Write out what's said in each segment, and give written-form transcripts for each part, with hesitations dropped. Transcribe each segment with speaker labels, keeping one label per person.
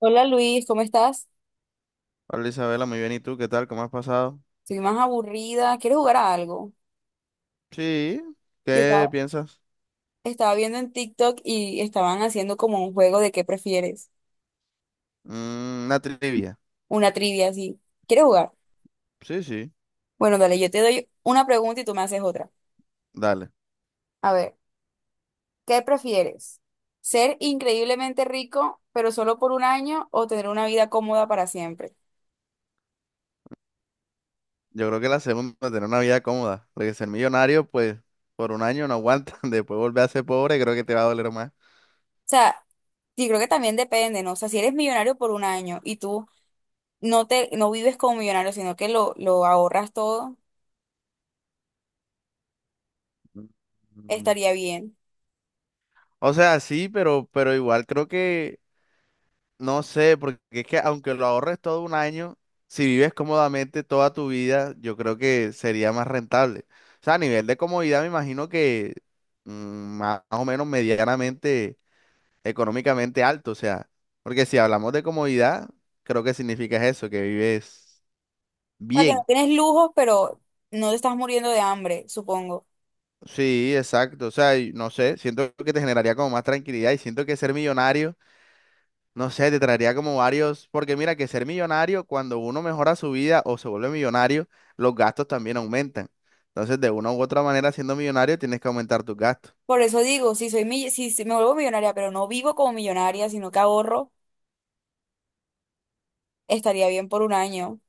Speaker 1: Hola Luis, ¿cómo estás?
Speaker 2: Hola Isabela, muy bien. ¿Y tú qué tal? ¿Cómo has pasado?
Speaker 1: Soy más aburrida. ¿Quieres jugar a algo?
Speaker 2: Sí,
Speaker 1: Yo
Speaker 2: ¿qué
Speaker 1: estaba,
Speaker 2: piensas?
Speaker 1: estaba viendo en TikTok y estaban haciendo como un juego de qué prefieres,
Speaker 2: Mm, una trivia.
Speaker 1: una trivia así. ¿Quieres jugar?
Speaker 2: Sí, sí,
Speaker 1: Bueno, dale, yo te doy una pregunta y tú me haces otra.
Speaker 2: dale.
Speaker 1: A ver, ¿qué prefieres? ¿Ser increíblemente rico, pero solo por un año, o tener una vida cómoda para siempre? O
Speaker 2: Yo creo que la segunda, tener una vida cómoda, porque ser millonario, pues, por un año no aguanta, después volver a ser pobre, creo que te va a doler más.
Speaker 1: sea, sí, creo que también depende, ¿no? O sea, si eres millonario por un año y tú no vives como millonario, sino que lo ahorras todo,
Speaker 2: Mm.
Speaker 1: estaría bien.
Speaker 2: O sea, sí, pero igual creo que. No sé, porque es que aunque lo ahorres todo un año, si vives cómodamente toda tu vida, yo creo que sería más rentable. O sea, a nivel de comodidad me imagino que mm, más o menos medianamente, económicamente alto. O sea, porque si hablamos de comodidad, creo que significa eso, que vives
Speaker 1: O sea, que no
Speaker 2: bien.
Speaker 1: tienes lujos, pero no te estás muriendo de hambre, supongo.
Speaker 2: Sí, exacto. O sea, y no sé, siento que te generaría como más tranquilidad y siento que ser millonario. No sé, te traería como varios, porque mira que ser millonario, cuando uno mejora su vida o se vuelve millonario, los gastos también aumentan. Entonces, de una u otra manera, siendo millonario, tienes que aumentar tus gastos.
Speaker 1: Por eso digo, si soy mi- si si me vuelvo millonaria, pero no vivo como millonaria, sino que ahorro, estaría bien por un año.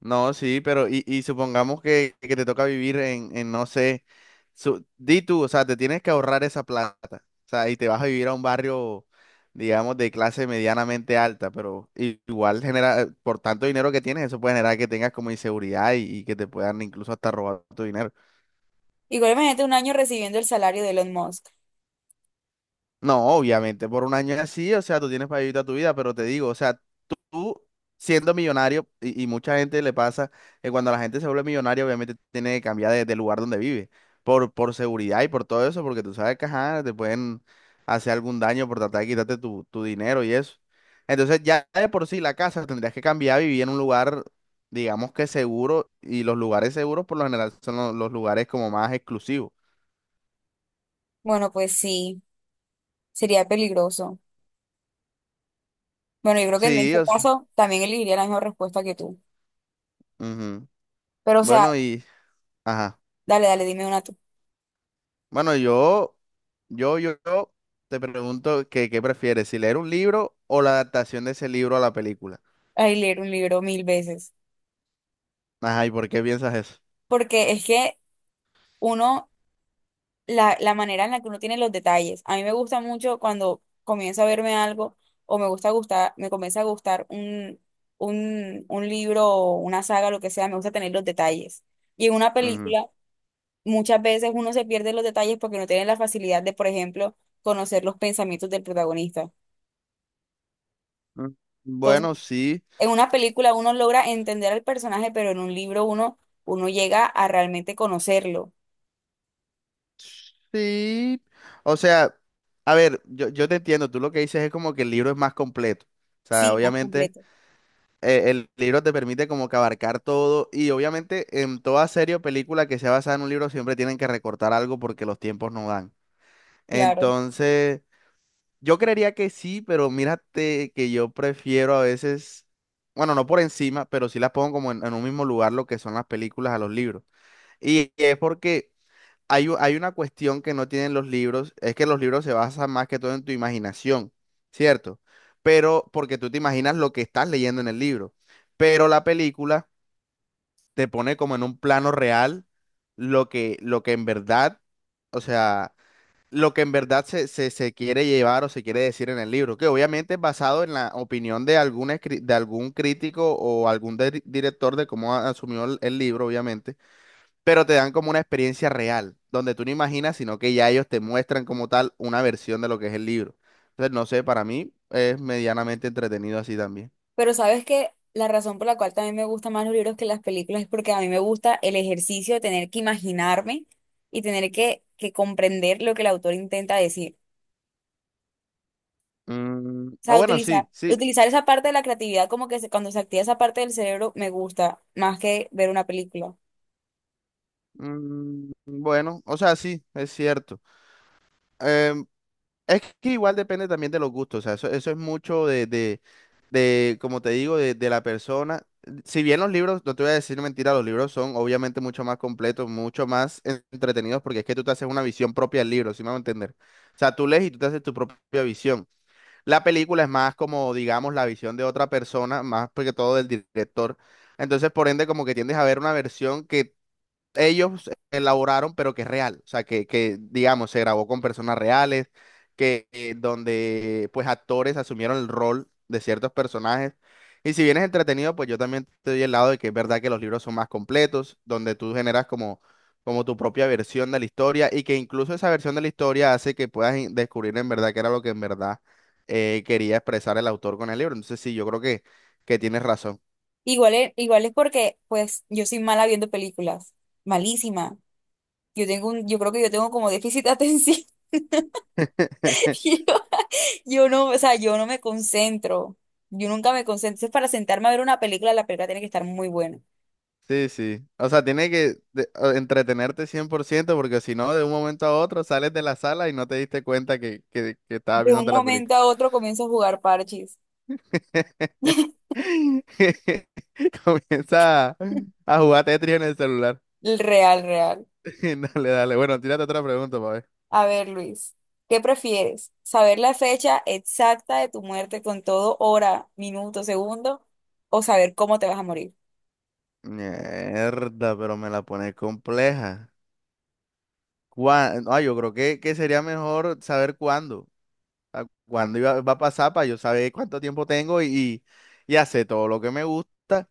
Speaker 2: No, sí, pero y supongamos que te toca vivir en no sé, di tú, o sea, te tienes que ahorrar esa plata. O sea, y te vas a vivir a un barrio, digamos, de clase medianamente alta, pero igual genera, por tanto dinero que tienes, eso puede generar que tengas como inseguridad y que te puedan incluso hasta robar tu dinero.
Speaker 1: Igual imagínate un año recibiendo el salario de Elon Musk.
Speaker 2: No, obviamente, por un año es así, o sea, tú tienes para vivir toda tu vida, pero te digo, o sea, tú siendo millonario, y mucha gente le pasa que cuando la gente se vuelve millonaria, obviamente tiene que cambiar de lugar donde vive, por seguridad y por todo eso, porque tú sabes que, ajá, te pueden hacer algún daño por tratar de quitarte tu, tu dinero y eso. Entonces, ya de por sí la casa tendrías que cambiar, vivir en un lugar, digamos que seguro, y los lugares seguros por lo general son los lugares como más exclusivos.
Speaker 1: Bueno, pues sí, sería peligroso. Bueno, yo creo que en
Speaker 2: Sí,
Speaker 1: este
Speaker 2: o sea,
Speaker 1: caso también elegiría la misma respuesta que tú.
Speaker 2: ujú.
Speaker 1: Pero, o sea,
Speaker 2: Bueno. Ajá.
Speaker 1: dale, dale, dime una tú.
Speaker 2: Bueno, yo te pregunto que qué prefieres, si leer un libro o la adaptación de ese libro a la película.
Speaker 1: Ay, leer un libro mil veces.
Speaker 2: Ajá, ¿y por qué piensas eso?
Speaker 1: Porque es que uno la manera en la que uno tiene los detalles. A mí me gusta mucho cuando comienzo a verme algo o me gusta gustar, me comienza a gustar un libro o una saga, lo que sea, me gusta tener los detalles. Y en una
Speaker 2: Ujú.
Speaker 1: película, muchas veces uno se pierde los detalles porque no tiene la facilidad de, por ejemplo, conocer los pensamientos del protagonista.
Speaker 2: Mm,
Speaker 1: Entonces,
Speaker 2: bueno, sí,
Speaker 1: en una película uno logra entender al personaje, pero en un libro uno llega a realmente conocerlo.
Speaker 2: sí. O sea, a ver, yo te entiendo, tú lo que dices es como que el libro es más completo. O sea,
Speaker 1: Sí, más
Speaker 2: obviamente
Speaker 1: completo.
Speaker 2: el libro te permite como que abarcar todo y obviamente en toda serie o película que sea basada en un libro siempre tienen que recortar algo porque los tiempos no dan.
Speaker 1: Claro.
Speaker 2: Entonces... Yo creería que sí, pero mírate que yo prefiero a veces, bueno, no por encima, pero sí las pongo como en un mismo lugar lo que son las películas a los libros. Y es porque hay una cuestión que no tienen los libros, es que los libros se basan más que todo en tu imaginación, ¿cierto? Pero porque tú te imaginas lo que estás leyendo en el libro. Pero la película te pone como en un plano real lo que en verdad, o sea, lo que en verdad se quiere llevar o se quiere decir en el libro, que obviamente es basado en la opinión de algún crítico o algún director de cómo asumió el libro, obviamente, pero te dan como una experiencia real, donde tú no imaginas, sino que ya ellos te muestran como tal una versión de lo que es el libro. Entonces, no sé, para mí es medianamente entretenido así también.
Speaker 1: Pero sabes que la razón por la cual también me gustan más los libros que las películas es porque a mí me gusta el ejercicio de tener que imaginarme y tener que, comprender lo que el autor intenta decir.
Speaker 2: Mm,
Speaker 1: O
Speaker 2: ah,
Speaker 1: sea,
Speaker 2: bueno,
Speaker 1: utilizar,
Speaker 2: sí, sí.
Speaker 1: utilizar esa parte de la creatividad como que cuando se activa esa parte del cerebro me gusta más que ver una película.
Speaker 2: Mm, bueno, o sea, sí, es cierto. Em, Es que igual depende también de los gustos, o sea, eso es mucho de, como te digo, de la persona. Si bien los libros, no te voy a decir mentira, los libros son obviamente mucho más completos, mucho más entretenidos, porque es que tú te haces una visión propia del libro, si me van a entender. O sea, tú lees y tú te haces tu propia visión. La película es más como, digamos, la visión de otra persona, más que todo del director. Entonces, por ende, como que tiendes a ver una versión que ellos elaboraron, pero que es real, o sea, que digamos, se grabó con personas reales, que donde pues actores asumieron el rol de ciertos personajes. Y si bien es entretenido, pues yo también te doy el lado de que es verdad que los libros son más completos, donde tú generas como, como tu propia versión de la historia y que incluso esa versión de la historia hace que puedas descubrir en verdad qué era lo que en verdad quería expresar el autor con el libro. Entonces sí, yo creo que tienes razón.
Speaker 1: Igual es porque pues yo soy mala viendo películas, malísima. Yo tengo yo creo que yo tengo como déficit de atención. Yo no, o sea, yo no me concentro. Yo nunca me concentro. Entonces, para sentarme a ver una película, la película tiene que estar muy buena.
Speaker 2: Sí, sí. O sea, tiene que entretenerte 100%, porque si no, de un momento a otro sales de la sala y no te diste cuenta que estabas
Speaker 1: De un
Speaker 2: viéndote la
Speaker 1: momento
Speaker 2: película.
Speaker 1: a otro comienzo a jugar parches.
Speaker 2: Comienza a jugar Tetris en el celular.
Speaker 1: El Real, real.
Speaker 2: Dale, dale. Bueno, tírate otra pregunta, pa' ver.
Speaker 1: A ver, Luis, ¿qué prefieres? ¿Saber la fecha exacta de tu muerte con todo hora, minuto, segundo? ¿O saber cómo te vas a morir?
Speaker 2: Mierda, pero me la pone compleja. Ah, yo creo que sería mejor saber cuándo. Cuándo va a pasar para yo saber cuánto tiempo tengo y hacer todo lo que me gusta.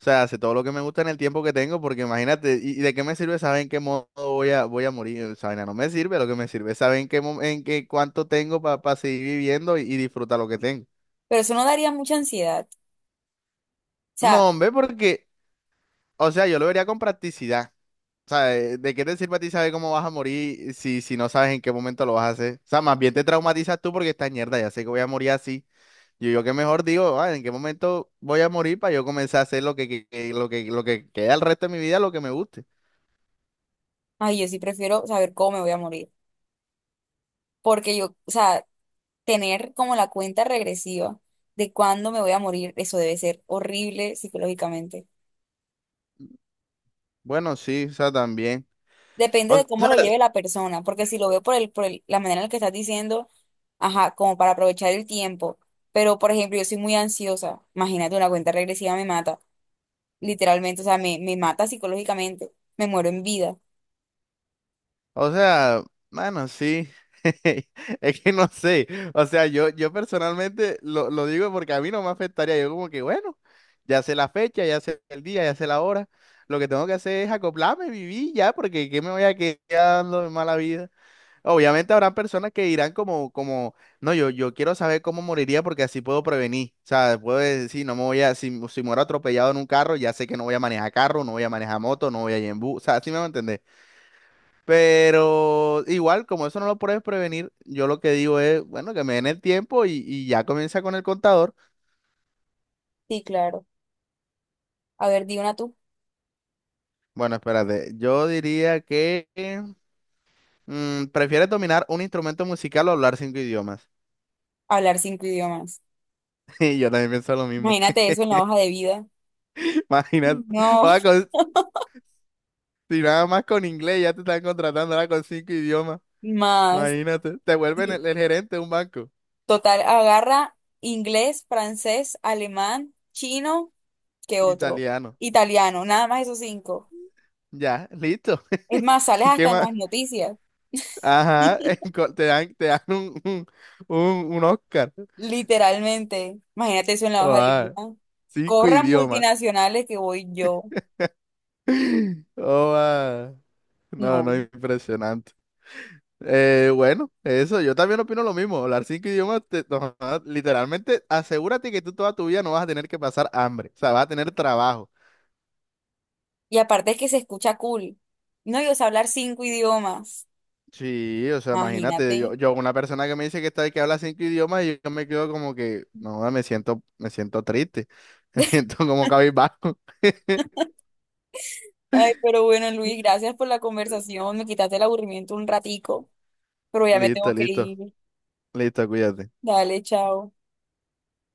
Speaker 2: O sea, hace todo lo que me gusta en el tiempo que tengo, porque imagínate, ¿y de qué me sirve saber en qué modo voy a morir? Esa vaina no me sirve, lo que me sirve es saber en qué cuánto tengo para seguir viviendo y disfrutar lo que tengo.
Speaker 1: Pero eso no daría mucha ansiedad. O sea,
Speaker 2: No, hombre, porque, o sea, yo lo vería con practicidad. O sea, ¿de qué te sirve a ti saber cómo vas a morir si, si no sabes en qué momento lo vas a hacer? O sea, más bien te traumatizas tú porque estás mierda, ya sé que voy a morir así. Yo que mejor digo, "Ah, ¿en qué momento voy a morir para yo comenzar a hacer lo que queda el resto de mi vida, lo que me guste?
Speaker 1: ay, yo sí prefiero saber cómo me voy a morir. Porque yo, o sea, tener como la cuenta regresiva de cuándo me voy a morir, eso debe ser horrible psicológicamente.
Speaker 2: Bueno, sí, o sea, también.
Speaker 1: Depende
Speaker 2: O
Speaker 1: de cómo
Speaker 2: sea,
Speaker 1: lo lleve la persona, porque si lo veo por la manera en la que estás diciendo, ajá, como para aprovechar el tiempo. Pero, por ejemplo, yo soy muy ansiosa. Imagínate, una cuenta regresiva me mata, literalmente, o sea, me mata psicológicamente. Me muero en vida.
Speaker 2: o sea, mano, sí. Es que no sé. O sea, yo personalmente lo digo porque a mí no me afectaría. Yo como que, bueno, ya sé la fecha, ya sé el día, ya sé la hora. Lo que tengo que hacer es acoplarme, vivir ya, porque ¿qué me voy a quedar dando de mala vida? Obviamente habrá personas que dirán como, como no, yo quiero saber cómo moriría porque así puedo prevenir. O sea, puedo decir, no me voy a, si muero atropellado en un carro, ya sé que no voy a manejar carro, no voy a manejar moto, no voy a ir en bus. O sea, así me va a entender. Pero igual, como eso no lo puedes prevenir, yo lo que digo es, bueno, que me den el tiempo y ya comienza con el contador.
Speaker 1: Sí, claro. A ver, di una tú.
Speaker 2: Bueno, espérate, yo diría que prefieres dominar un instrumento musical o hablar cinco idiomas.
Speaker 1: Hablar cinco idiomas.
Speaker 2: Y yo también pienso lo mismo.
Speaker 1: Imagínate eso en la hoja de vida.
Speaker 2: Imagínate.
Speaker 1: No,
Speaker 2: Si nada más con inglés ya te están contratando ahora con cinco idiomas.
Speaker 1: más.
Speaker 2: Imagínate, te vuelven el gerente de un banco
Speaker 1: Total, agarra inglés, francés, alemán, chino, ¿qué otro?
Speaker 2: italiano.
Speaker 1: Italiano, nada más esos cinco.
Speaker 2: Ya, listo.
Speaker 1: Es más, sales
Speaker 2: ¿Qué
Speaker 1: hasta en
Speaker 2: más?
Speaker 1: las noticias.
Speaker 2: Ajá, te dan un, un Oscar.
Speaker 1: Literalmente. Imagínate eso en la
Speaker 2: Oh,
Speaker 1: hoja de vida.
Speaker 2: ah, cinco
Speaker 1: Corran
Speaker 2: idiomas.
Speaker 1: multinacionales que voy yo.
Speaker 2: Oh, ah. No, no,
Speaker 1: No.
Speaker 2: impresionante. Bueno, eso, yo también opino lo mismo. Hablar cinco idiomas, no, ah, literalmente, asegúrate que tú toda tu vida no vas a tener que pasar hambre. O sea, vas a tener trabajo.
Speaker 1: Y aparte es que se escucha cool. No, yo sé hablar cinco idiomas.
Speaker 2: Sí, o sea, imagínate, yo,
Speaker 1: Imagínate.
Speaker 2: yo una persona que me dice que está que habla cinco idiomas y yo me quedo como que, no, me siento triste, me siento como cabizbajo.
Speaker 1: Ay, pero bueno, Luis, gracias por la conversación. Me quitaste el aburrimiento un ratico, pero ya me tengo
Speaker 2: Listo,
Speaker 1: que
Speaker 2: listo,
Speaker 1: ir.
Speaker 2: listo, cuídate.
Speaker 1: Dale, chao.